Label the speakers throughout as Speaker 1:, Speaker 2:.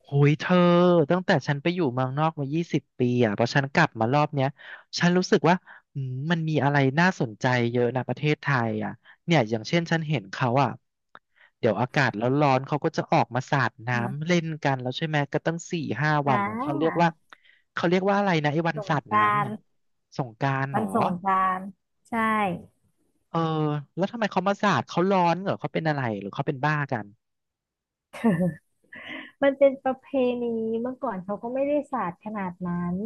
Speaker 1: โอ้ยเธอตั้งแต่ฉันไปอยู่เมืองนอกมา20 ปีอ่ะพอฉันกลับมารอบเนี้ยฉันรู้สึกว่าอืมมันมีอะไรน่าสนใจเยอะนะประเทศไทยอ่ะเนี่ยอย่างเช่นฉันเห็นเขาอ่ะเดี๋ยวอากาศร้อนๆเขาก็จะออกมาสาด
Speaker 2: อ่ะ
Speaker 1: น้ำเล่นกันแล้วใช่ไหมก็ตั้งสี่ห้า
Speaker 2: อ่
Speaker 1: วันอะเขาเรียก
Speaker 2: า
Speaker 1: ว่าเขาเรียกว่าอะไรนะไอ้วัน
Speaker 2: สง
Speaker 1: สาด
Speaker 2: กรา
Speaker 1: น้ำ
Speaker 2: น
Speaker 1: เนี่ย
Speaker 2: ต์
Speaker 1: สงกรานต์เห
Speaker 2: วั
Speaker 1: รอ
Speaker 2: นสงกรานต์ใช่
Speaker 1: เออแล้วทำไมเขามาสาดเขาร้อนเหรอเขาเป็นอะไรหรือเขาเป็นบ้ากัน
Speaker 2: มันเป็นประเพณีเมื่อก่อนเขาก็ไม่ได้สาดขนาดนั้น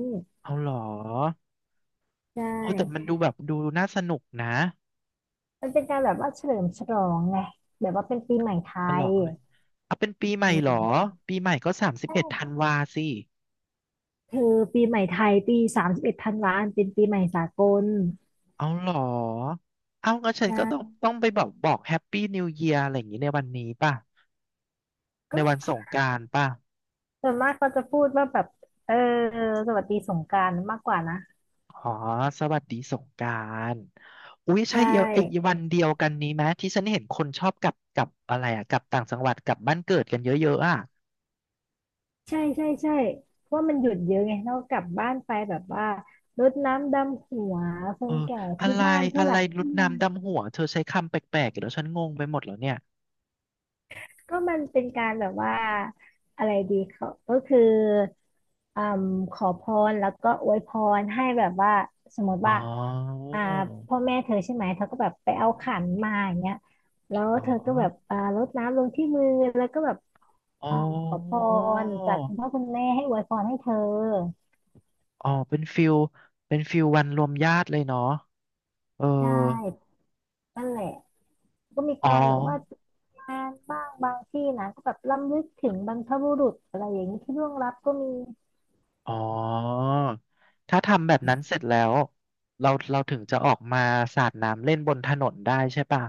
Speaker 1: เอาเหรอ
Speaker 2: ใช่
Speaker 1: โอ้แต่มันดูแบบดูน่าสนุกนะ
Speaker 2: มันเป็นการแบบว่าเฉลิมฉลองไงแบบว่าเป็นปีใหม่ไท
Speaker 1: ฉล
Speaker 2: ย
Speaker 1: องอะไรเอาเป็นปีใหม่
Speaker 2: อื
Speaker 1: เหรอ
Speaker 2: ม
Speaker 1: ปีใหม่ก็สามสิบ
Speaker 2: ใช่
Speaker 1: เอ็ดธันวาสิ
Speaker 2: คือปีใหม่ไทยปีสามสิบเอ็ดธันวาเป็นปีใหม่สากล
Speaker 1: เอาเหรอ เอางั้นฉัน
Speaker 2: นะ
Speaker 1: ก็ต้องไปบอกแฮปปี้นิวเยียร์อะไรอย่างนี้ในวันนี้ป่ะ ใน
Speaker 2: ก็
Speaker 1: วันสงกรานต์ป่ะ
Speaker 2: ส่วนมากก็จะพูดว่าแบบเออสวัสดีสงกรานต์มากกว่านะ
Speaker 1: อ๋อสวัสดีสงกรานต์อุ๊ย
Speaker 2: ใช
Speaker 1: ใช่เอียวไอ้
Speaker 2: ่
Speaker 1: วันเดียวกันนี้ไหมที่ฉันเห็นคนชอบกลับอะไรอะกลับต่างจังหวัดกลับบ้านเกิดกันเยอะๆอะ
Speaker 2: ใช่ใช่เพราะมันหยุดเยอะไงเรากลับบ้านไปแบบว่ารดน้ำดำหัวค
Speaker 1: เออ
Speaker 2: นแก่
Speaker 1: อะ
Speaker 2: ที่
Speaker 1: ไร
Speaker 2: บ้านผู้
Speaker 1: อะ
Speaker 2: ห
Speaker 1: ไร
Speaker 2: ลัก
Speaker 1: รุ
Speaker 2: ผู้
Speaker 1: ด
Speaker 2: ใหญ่
Speaker 1: น้ำดำหัวเธอใช้คำแปลกๆเดี๋ยวฉันงงไปหมดแล้วเนี่ย
Speaker 2: ก็มันเป็นการแบบว่าอะไรดีเขาก็คืออืมขอพรแล้วก็อวยพรให้แบบว่าสมมติ
Speaker 1: อ๋อ
Speaker 2: ว่าอ่าพ่อแม่เธอใช่ไหมเธอก็แบบไปเอาขันมาอย่างเงี้ยแล้ว
Speaker 1: อ๋อ
Speaker 2: เธอก็แบบรดน้ำลงที่มือแล้วก็แบบ
Speaker 1: อ๋อ
Speaker 2: อ่าขอพรจากคุณพ่อคุณแม่ให้อวยพรให้เธอ
Speaker 1: อ๋อเป็นฟิลเป็นฟิลวันรวมญาติเลยเนาะเออ
Speaker 2: ได้นั่นแหละ ก็มี
Speaker 1: อ๋อ
Speaker 2: การแบบว่าจัดงานบ้างบางที่นะก็แบบรำลึกถึงบรรพบุรุษอะไรอย่างนี้ที่ล่วงลับก็มี
Speaker 1: อ๋อ ถ้าทำแบบนั้นเสร็จแล้วเราถึงจะออกมาสาดน้ำเล่นบนถนนได้ใช่ป่ะ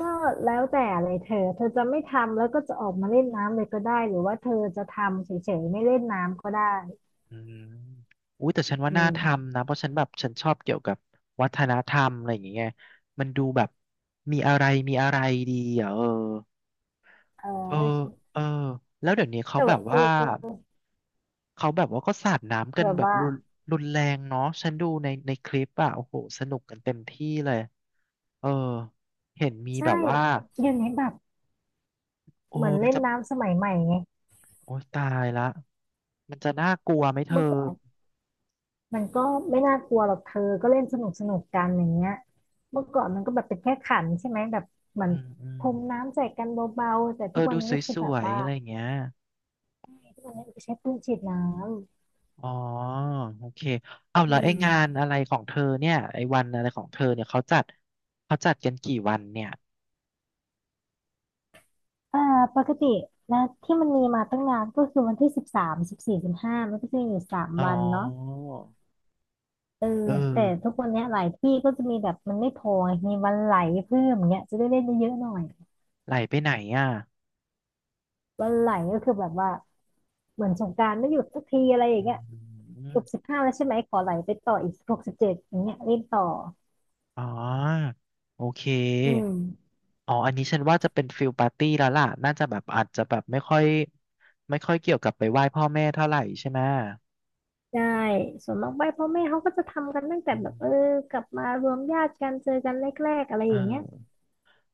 Speaker 2: ก็แล้วแต่เลยเธอเธอจะไม่ทำแล้วก็จะออกมาเล่นน้ำเลยก็ได้หรือว่าเธอจะทำเฉยๆไม่เล่นน้ำก็ได้
Speaker 1: อืมอุ้ยแต่ฉันว่า
Speaker 2: อื
Speaker 1: น่า
Speaker 2: ม
Speaker 1: ทำนะเพราะฉันแบบฉันชอบเกี่ยวกับวัฒนธรรมอะไรอย่างเงี้ยมันดูแบบมีอะไรดีอ่ะเออ
Speaker 2: เอ
Speaker 1: เออ
Speaker 2: อ
Speaker 1: เออแล้วเดี๋ยวนี้เขา
Speaker 2: แต่
Speaker 1: แบ
Speaker 2: ว่า
Speaker 1: บว่า เขาแบบว่าก็สาดน้ำกั
Speaker 2: แบ
Speaker 1: น
Speaker 2: บ
Speaker 1: แบบ
Speaker 2: ว่า
Speaker 1: รุนแรงเนาะฉันดูในในคลิปอะโอ้โหสนุกกันเต็มที่เลยเออเห็นมี
Speaker 2: ใช่
Speaker 1: แบบว่า
Speaker 2: อยู่ในแบบ
Speaker 1: โอ้
Speaker 2: เหมือน
Speaker 1: มัน
Speaker 2: เล่น
Speaker 1: จะ
Speaker 2: น้ำสมัยใหม่ไง
Speaker 1: โอ้ยตายละมันจะน่ากลัวไหมเธอ
Speaker 2: เมื่อก่อน มันก็ไม่น่ากลัวหรอกเธอก็เล่นสนุกกันอย่างเงี้ยเมื่อก่อนมันก็แบบเป็นแค่ขันใช่ไหมแบบเหมือ
Speaker 1: อื
Speaker 2: น
Speaker 1: มอื
Speaker 2: พ
Speaker 1: ม
Speaker 2: รมน้ำใส่กันเบาๆแต่
Speaker 1: เอ
Speaker 2: ทุก
Speaker 1: อ
Speaker 2: วัน
Speaker 1: ดู
Speaker 2: นี้ก็คื
Speaker 1: ส
Speaker 2: อแบ
Speaker 1: ว
Speaker 2: บ
Speaker 1: ย
Speaker 2: ว่า
Speaker 1: ๆอะไรอย่างเงี้ย
Speaker 2: ทุกวันนี้มันก็ใช้ปืนฉีดน้
Speaker 1: อ๋อโอเคเอา
Speaker 2: ำอื
Speaker 1: แล้วไอ้
Speaker 2: ม
Speaker 1: งานอะไรของเธอเนี่ยไอ้วันอะไรของเธอเนี่ยเขาจัดเขาจัดกันกี่วันเนี่ย
Speaker 2: อ่าปกตินะที่มันมีมาตั้งนานก็คือวันที่13 14 15มันก็จะมีอยู่สาม
Speaker 1: อ๋อ
Speaker 2: วันเนาะเออ
Speaker 1: เออ
Speaker 2: แต่ทุกวันเนี้ยหลายที่ก็จะมีแบบมันไม่พอไงมีวันไหลเพิ่มอย่างเงี้ยจะได้เล่นเยอะๆหน่อย
Speaker 1: ไหลไปไหนอ่ะ
Speaker 2: วันไหลก็คือแบบว่าเหมือนสงกรานต์ไม่หยุดสักทีอะไรอย่า
Speaker 1: อื
Speaker 2: งเงี้ย จ
Speaker 1: ม
Speaker 2: บ15แล้วใช่ไหมขอไหลไปต่ออีก16 17อย่างเงี้ยรีบต่อ
Speaker 1: อ๋อโอเค
Speaker 2: อืม
Speaker 1: อ๋ออันนี้ฉันว่าจะเป็นฟิลปาร์ตี้แล้วล่ะน่าจะแบบอาจจะแบบไม่ค่อยเกี่ยวกับไปไหว้พ่อแม่เท่าไหร่ใช่ไหม
Speaker 2: ได้ส่วนมากไปพ่อแม่เขาก็จะทำกันตั้งแต่
Speaker 1: อื
Speaker 2: แบบ
Speaker 1: ม
Speaker 2: กลับมารวมญาติกันเจอกันแรกๆอะไร
Speaker 1: เอ
Speaker 2: อ
Speaker 1: อ
Speaker 2: ย่างเงี้ย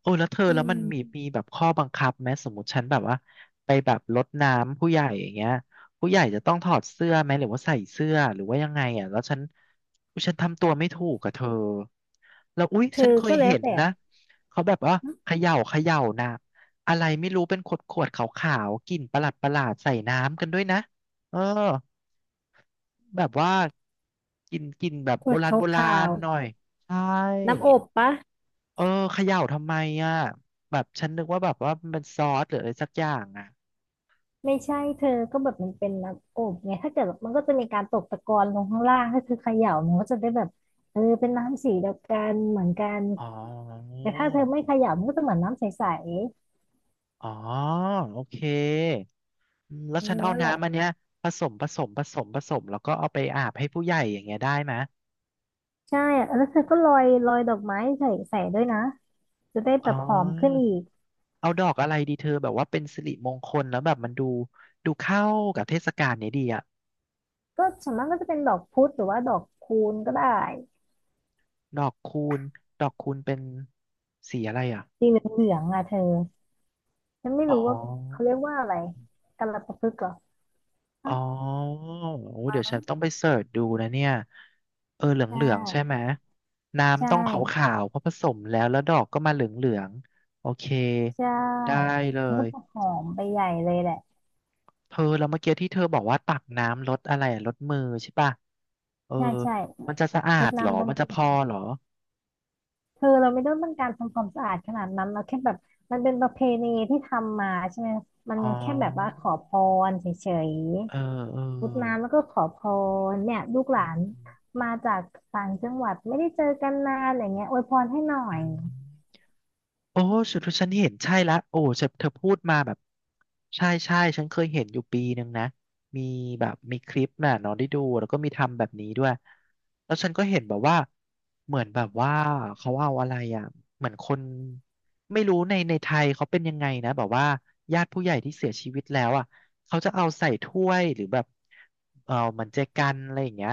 Speaker 1: โอ้แล้วเธอ
Speaker 2: อื
Speaker 1: แล้วมัน
Speaker 2: ม
Speaker 1: มีมีแบบข้อบังคับไหมสมมติฉันแบบว่าไปแบบรดน้ำผู้ใหญ่อย่างเงี้ยผู้ใหญ่จะต้องถอดเสื้อไหมหรือว่าใส่เสื้อหรือว่ายังไงอ่ะแล้วฉันอุ๊ยฉันทำตัวไม่ถูกกับเธอแล้วอุ๊ย
Speaker 2: เธอ
Speaker 1: ฉันเคย
Speaker 2: ก็แล้
Speaker 1: เห็
Speaker 2: ว
Speaker 1: น
Speaker 2: แต่
Speaker 1: นะเขาแบบว่า
Speaker 2: ฮะ
Speaker 1: เขย่านะอะไรไม่รู้เป็นขวดขาวๆกลิ่นประหลาดใส่น้ำกันด้วยนะเออแบบว่ากินกินแบบ
Speaker 2: ข
Speaker 1: โบ
Speaker 2: วด
Speaker 1: ราณโบรา
Speaker 2: ขา
Speaker 1: ณ
Speaker 2: ว
Speaker 1: หน่อยใช่
Speaker 2: ๆน้ำอบปะ
Speaker 1: เออเขย่าทำไมอ่ะแบบฉันนึกว่าแบบว่ามันเป็นซอสหรืออะไรสักอย่างอ่ะ
Speaker 2: ไม่ใช่เธอก็แบบมันเป็นน้ำอบไงถ้าเกิดแบบมันก็จะมีการตกตะกอนลงข้างล่างถ้าเธอเขย่ามันก็จะได้แบบเป็นน้ำสีเดียวกันเหมือนกัน
Speaker 1: อ๋อ
Speaker 2: แต่ถ้าเธอไม่เขย่ามันก็จะเหมือนน้ำใส
Speaker 1: อ๋อโอเคอืมแล้
Speaker 2: ๆ
Speaker 1: ว
Speaker 2: อื
Speaker 1: ฉัน
Speaker 2: ม
Speaker 1: เอา
Speaker 2: นั่นแหละ
Speaker 1: น้ำอันเนี้ยผสมแล้วก็เอาไปอาบให้ผู้ใหญ่อย่างเงี้ยได้ไหม
Speaker 2: ใช่อะแล้วเธอก็โรยดอกไม้ใส่ด้วยนะจะได้แบ
Speaker 1: อ๋อ
Speaker 2: บหอมขึ้นอีก
Speaker 1: เอาดอกอะไรดีเธอแบบว่าเป็นสิริมงคลแล้วแบบมันดูดูเข้ากับเทศกาลเนี้ยดีอ่ะ
Speaker 2: ก็ส่วนมากก็จะเป็นดอกพุธหรือว่าดอกคูนก็ได้
Speaker 1: ดอกคูณดอกคูณเป็นสีอะไรอ่ะ
Speaker 2: สีเหลืองๆอ่ะเธอฉันไม่
Speaker 1: อ๋
Speaker 2: รู้ว่า
Speaker 1: อ
Speaker 2: เขาเรียกว่าอะไรกัลปะพฤกษ์เหรอ
Speaker 1: อ๋
Speaker 2: อ่ะ
Speaker 1: อโอ้เดี๋ยวฉันต้องไปเสิร์ชดูนะเนี่ยเออเห
Speaker 2: ใช่
Speaker 1: ลืองๆใช่ไหม
Speaker 2: ใช่
Speaker 1: น้ำต้องขาวๆเพราะผสมแล้วแล้วดอกก็มาเหลืองๆโอเค
Speaker 2: ใช
Speaker 1: ได้
Speaker 2: ่
Speaker 1: เล
Speaker 2: มันก็
Speaker 1: ย
Speaker 2: จะหอมไปใหญ่เลยแหละ
Speaker 1: เธอแล้วเมื่อกี้ที่เธอบอกว่าตักน้ำลดอะไรอะลดมือใช่ป่ะเออ
Speaker 2: ใช่ใช่
Speaker 1: มันจะสะอา
Speaker 2: รด
Speaker 1: ดเหรอ
Speaker 2: น้ำ
Speaker 1: มั
Speaker 2: ดำ
Speaker 1: นจะพ
Speaker 2: หั
Speaker 1: อ
Speaker 2: ว
Speaker 1: เหรอ
Speaker 2: เธอเราไม่ต้องการทำความสะอาดขนาดนั้นเราแค่แบบมันเป็นประเพณีที่ทำมาใช่ไหมมัน
Speaker 1: อ๋อ
Speaker 2: แค่แบบว่าขอพรเฉย
Speaker 1: เออเออ
Speaker 2: รดน้ำแล้วก็ขอพรเนี่ยลูกห
Speaker 1: อื
Speaker 2: ลาน
Speaker 1: ม
Speaker 2: มาจากต่างจังหวัดไม่ได้เจอกันนานอะไรเงี้ยอวยพรให้หน่อ
Speaker 1: อื
Speaker 2: ย
Speaker 1: ม โอ้สุดที่ฉันเห็นใช่ละโอ้เธอเธอพูดมาแบบใช่ใช่ฉันเคยเห็นอยู่ปีหนึ่งนะมีแบบมีคลิปน่ะเนอนได้ดูแล้วก็มีทำแบบนี้ด้วยแล้วฉันก็เห็นแบบว่าเหมือนแบบว่าเขาเอาอะไรอ่ะเหมือนคนไม่รู้ในในไทยเขาเป็นยังไงนะแบบว่าญาติผู้ใหญ่ที่เสียชีวิตแล้วอ่ะเขาจะเอาใส่ถ้วยหรือแบบเออเหมือนเจกันอะไรอย่างเงี้ย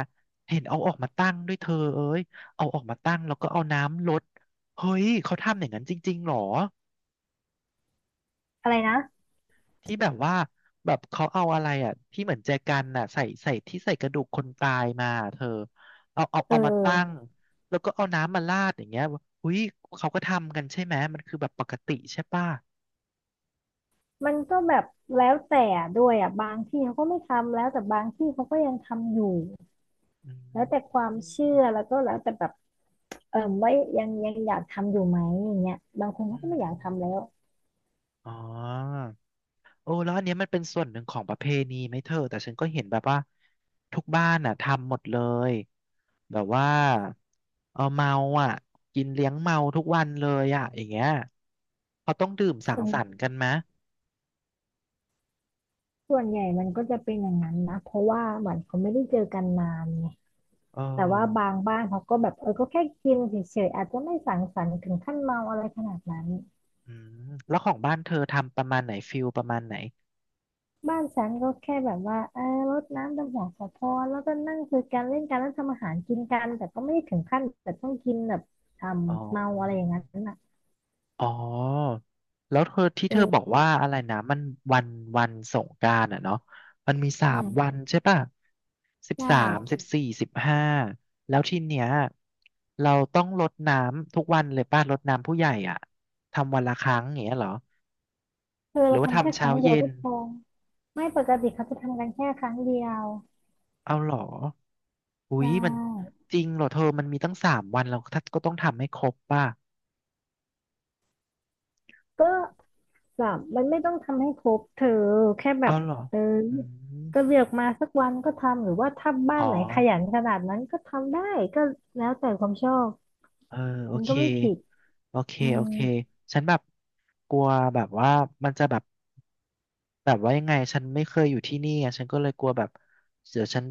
Speaker 1: เห็นเอาออกมาตั้งด้วยเธอเอ้ยเอาออกมาตั้งแล้วก็เอาน้ำรด เฮ้ย เขาทำอย่างนั้นจริงๆหรอ
Speaker 2: อะไรนะ
Speaker 1: ที่แบบว่าแบบเขาเอาอะไรอ่ะที่เหมือนแจกันน่ะใส่ใส่ที่ใส่กระดูกคนตายมาเธอเอาเอา
Speaker 2: เอ
Speaker 1: เอามาตั้ง
Speaker 2: อ
Speaker 1: แล้วก็เอาน้ำมาราดอย่างเงี้ยเฮ้ยเขาก็ทำกันใช่ไหมมันคือแบบปกติใช่ป่ะ
Speaker 2: มันก็แบบแล้วแต่ด้วยอ่ะบางที่เขาก็ไม่ทำแล้วแต่บางที่เขาก็ยังทำอยู่
Speaker 1: อื
Speaker 2: แล้ว
Speaker 1: ม
Speaker 2: แต่ความ
Speaker 1: อื
Speaker 2: เชื่อ
Speaker 1: ม
Speaker 2: แล้วก็แล้วแต่แบบว่ายังอยากทำอยู่ไหมอย่างเงี้ยบางคนเขา
Speaker 1: อื
Speaker 2: ก็
Speaker 1: ม
Speaker 2: ไม่อยากทำแล้ว
Speaker 1: อ๋อ โอ้แล้วอันเนี้ยมันเป็นส่วนหนึ่งของประเพณีไหมเธอแต่ฉันก็เห็นแบบว่าทุกบ้านอ่ะทำหมดเลยแบบว่าเอาเมาอ่ะกินเลี้ยงเมาทุกวันเลยอ่ะอย่างเงี้ยเขาต้องดื่มสั
Speaker 2: ส่
Speaker 1: ง
Speaker 2: วน
Speaker 1: สรรค์กันไหม
Speaker 2: ส่วนใหญ่มันก็จะเป็นอย่างนั้นนะเพราะว่าเหมือนเขาไม่ได้เจอกันนานไง
Speaker 1: เอ
Speaker 2: แต่ว่าบา
Speaker 1: อ
Speaker 2: งบ้านเขาก็แบบเออก็แค่กินเฉยๆอาจจะไม่สังสรรค์ถึงขั้นเมาอะไรขนาดนั้น
Speaker 1: อืมแล้วของบ้านเธอทำประมาณไหนฟิลประมาณไหน
Speaker 2: บ้านฉันก็แค่แบบว่ารดน้ำดำหัวขอพรแล้วก็นั่งคุยกันเล่นกันแล้วทำอาหารกินกันแต่ก็ไม่ได้ถึงขั้นแต่ต้องกินแบบท
Speaker 1: อ๋อ
Speaker 2: ำเมาอะไรอย่างนั้นน่ะ
Speaker 1: อ๋อแล้วเธอที่เธอบอก
Speaker 2: เออ
Speaker 1: ว่าอะไรนะมันวันวันสงกรานต์อ่ะเนาะมันมีสา
Speaker 2: อื
Speaker 1: ม
Speaker 2: ม
Speaker 1: วันใช่ป่ะสิบ
Speaker 2: ใช่
Speaker 1: สามสิบสี่สิบห้าแล้วทีเนี้ยเราต้องรดน้ำทุกวันเลยป่ะรดน้ำผู้ใหญ่อ่ะทำวันละครั้งอย่างเงี้ยเหรอ
Speaker 2: เออ
Speaker 1: หรื
Speaker 2: เรา
Speaker 1: อว่า
Speaker 2: ทำแค่
Speaker 1: ทำ
Speaker 2: ค
Speaker 1: เช้า
Speaker 2: รั้งเดีย
Speaker 1: เย็
Speaker 2: วก็
Speaker 1: น
Speaker 2: พอไม่ปกติเขาจะทำกันแค่ครั้งเดียว
Speaker 1: เอาเหรออุ๊
Speaker 2: ใช
Speaker 1: ยมัน
Speaker 2: ่
Speaker 1: จริงเหรอเธอมันมีตั้งสามวันเราก็ต้องทำให้ครบป่ะ
Speaker 2: ก็ สับมันไม่ต้องทำให้ครบเธอแค่แบ
Speaker 1: เอา
Speaker 2: บ
Speaker 1: เหรอ
Speaker 2: เออ
Speaker 1: อื
Speaker 2: ก็
Speaker 1: ม
Speaker 2: เลือกมาสักวันก็ทำหรือว่าถ้าบ้า
Speaker 1: อ๋
Speaker 2: น
Speaker 1: อ
Speaker 2: ไหนขยันขนาดนั้นก็ทำได้ก็แล้วแต่ความชอบ
Speaker 1: เออโอ
Speaker 2: มัน
Speaker 1: เค
Speaker 2: ก็ไม่ผิด
Speaker 1: โอเค
Speaker 2: อื
Speaker 1: โอ
Speaker 2: ม
Speaker 1: เคฉันแบบกลัวแบบว่ามันจะแบบแบบว่ายังไงฉันไม่เคยอยู่ที่นี่ไงฉันก็เลยกลัวแบบเดี๋ยวฉัน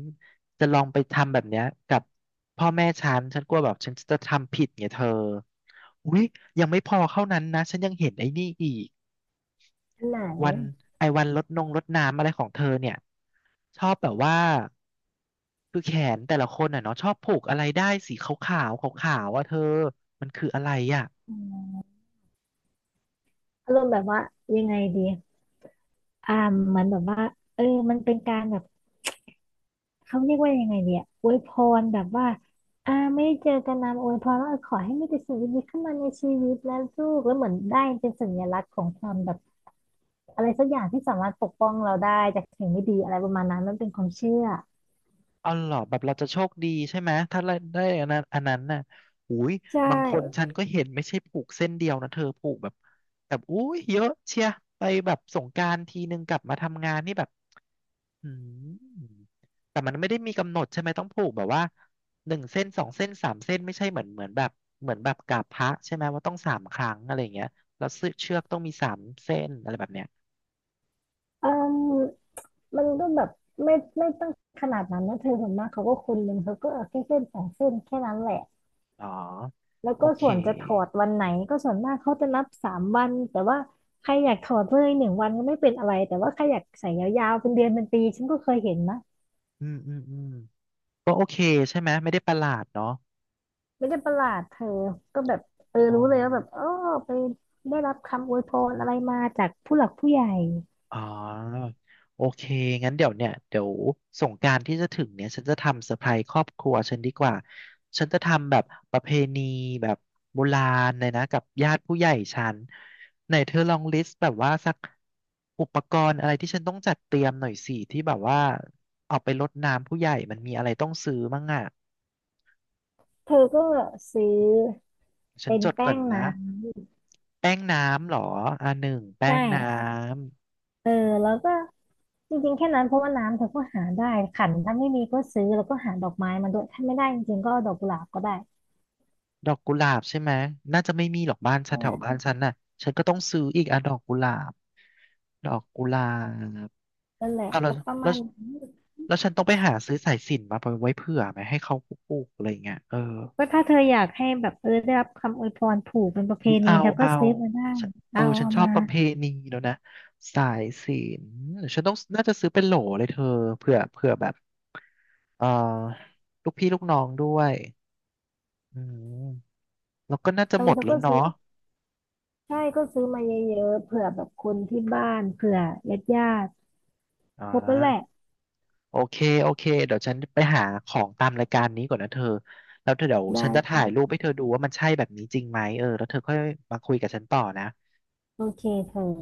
Speaker 1: จะลองไปทำแบบเนี้ยกับพ่อแม่ฉันฉันกลัวแบบฉันจะทำผิดไงเธออุ๊ยยังไม่พอเท่านั้นนะฉันยังเห็นไอ้นี่อีก
Speaker 2: อันไหน
Speaker 1: วันไอ้วันลดนงลดน้ำอะไรของเธอเนี่ยชอบแบบว่าคือแขนแต่ละคนอ่ะเนาะชอบผูกอะไรได้สีขาวๆขาวๆว่าเธอมันคืออะไรอ่ะ
Speaker 2: อืมอารมณ์แบบว่ายังไงดีอ่ามันแบบว่าเออมันเป็นการแบบเขาเรียกว่ายังไงดีอะอวยพรแบบว่าไม่ได้เจอกันนานอวยพรว่าขอให้มีแต่สิ่งดีๆเข้ามาในชีวิตนะลูกแล้วเหมือนได้เป็นสัญลักษณ์ของความแบบ อะไรสักอย่างที่สามารถปกป้องเราได้จากสิ่งไม่ดีอะไรประมาณนั้นมันเป็นความเชื่อ
Speaker 1: อ๋อเหรอแบบเราจะโชคดีใช่ไหมถ้าได้อันนั้นอันนั้นน่ะอุ้ย
Speaker 2: ใช
Speaker 1: บางคน
Speaker 2: ่
Speaker 1: ฉันก็เห็นไม่ใช่ผูกเส้นเดียวนะเธอผูกแบบแบบอุ้ยเยอะเชียไปแบบสงกรานต์ทีนึงกลับมาทำงานนี่แบบอืมแต่มันไม่ได้มีกำหนดใช่ไหมต้องผูกแบบว่าหนึ่งเส้นสองเส้นสามเส้นไม่ใช่เหมือนเหมือนแบบเหมือนแบบกราบพระใช่ไหมว่าต้องสามครั้งอะไรอย่างเงี้ยแล้วเสื้อเชือกต้องมีสามเส้นอะไรแบบเนี้ย
Speaker 2: เอ่มมันก็แบบไม่ไม่ต้องขนาดนั้นนะเธอส่วนมากเขาก็คนหนึ่งเขาก็เอาแค่เส้น2 เส้นแค่นั้นแหละ
Speaker 1: อ๋อ
Speaker 2: แล้ว
Speaker 1: โอ
Speaker 2: ก็
Speaker 1: เค
Speaker 2: ส่วนจะถอดวันไหนก็ส่วนมากเขาจะนับสามวันแต่ว่าใครอยากถอดเลย1 วันก็ไม่เป็นอะไรแต่ว่าใครอยากใส่ยาวๆเป็นเดือนเป็นปีฉันก็เคยเห็นนะ
Speaker 1: อืมอืมอืมก็โอเคใช่ไหมไม่ได้ประหลาดเนาะ
Speaker 2: ไม่ได้ประหลาดเธอก็แบบเออ
Speaker 1: อ๋อ
Speaker 2: รู้เลยว่าแบบอ๋อไปได้รับคำอวยพรอะไรมาจากผู้หลักผู้ใหญ่
Speaker 1: อ๋อโอเคงั้นเดี๋ยวเนี่ยเดี๋ยวสงกรานต์ที่จะถึงเนี่ยฉันจะทำเซอร์ไพรส์ครอบครัวฉันดีกว่าฉันจะทำแบบประเพณีแบบโบราณเลยนะกับญาติผู้ใหญ่ฉันไหนเธอลองลิสต์แบบว่าสักอุปกรณ์อะไรที่ฉันต้องจัดเตรียมหน่อยสิที่แบบว่าเอาไปรดน้ำผู้ใหญ่มันมีอะไรต้องซื้อมั่งอ่ะ
Speaker 2: เธอก็ซื้อ
Speaker 1: ฉัน
Speaker 2: เป็น
Speaker 1: จดก่
Speaker 2: แป้
Speaker 1: อน
Speaker 2: งน้
Speaker 1: นะแป้งน้ำเหรออ่าหนึ่ง
Speaker 2: ำ
Speaker 1: แป้ง
Speaker 2: ได้
Speaker 1: น้
Speaker 2: เออแล้วก็จริงๆแค่นั้นเพราะว่าน้ำเธอก็หาได้ขันถ้าไม่มีก็ซื้อแล้วก็หาดอกไม้มาด้วยถ้าไม่ได้จริงๆก็เอาดอกกุหลาบก็ได้
Speaker 1: ดอกกุหลาบใช่ไหมน่าจะไม่มีหรอกบ้านฉั
Speaker 2: อ่
Speaker 1: นแถวบ้าน
Speaker 2: า
Speaker 1: ฉันน่ะฉันก็ต้องซื้ออีกอ่ะดอกกุหลาบดอกกุหลาบ
Speaker 2: นั่นแหละ
Speaker 1: เอาวแล้ว
Speaker 2: ก็ประ
Speaker 1: แล้
Speaker 2: มา
Speaker 1: ว
Speaker 2: ณนั้น
Speaker 1: แล้วฉันต้องไปหาซื้อสายสิญจน์มาไว้เผื่อไหมให้เขาปลูกๆอะไรเงี้ยเออ
Speaker 2: ก็ถ้าเธออยากให้แบบได้รับคำอวยพรผูกเป็นประเพ
Speaker 1: อุ๊ย
Speaker 2: ณี
Speaker 1: เอา
Speaker 2: เธอก็
Speaker 1: เอา
Speaker 2: ซื้อมาได้
Speaker 1: ฉันเออ
Speaker 2: เอา
Speaker 1: ฉัน
Speaker 2: เอา
Speaker 1: ชอบ
Speaker 2: มา
Speaker 1: ประเพณีแล้วนะสายสินฉันต้องน่าจะซื้อเป็นโหลเลยเธอเผื่อเผื่อแบบเออลูกพี่ลูกน้องด้วยอืมแล้วก็น่าจะ
Speaker 2: เอ
Speaker 1: หม
Speaker 2: อ
Speaker 1: ด
Speaker 2: เธอ
Speaker 1: แล้
Speaker 2: ก็
Speaker 1: ว
Speaker 2: ซื้อ
Speaker 1: เนาะ
Speaker 2: ใช่ก็ซื้อมาเยอะๆเผื่อแบบคนที่บ้านเผื่อญาติ
Speaker 1: อ่
Speaker 2: ๆครบแล้วแหละ
Speaker 1: า โอเค โอเค เดี๋ยวฉันไปหาของตามรายการนี้ก่อนนะเธอ แล้วเธอเดี๋ยวฉันจะ
Speaker 2: ได้
Speaker 1: ถ่ายรูปให้เธอดูว่ามันใช่แบบนี้จริงไหม เออ แล้วเธอค่อยมาคุยกับฉันต่อนะ
Speaker 2: โอเคเธอ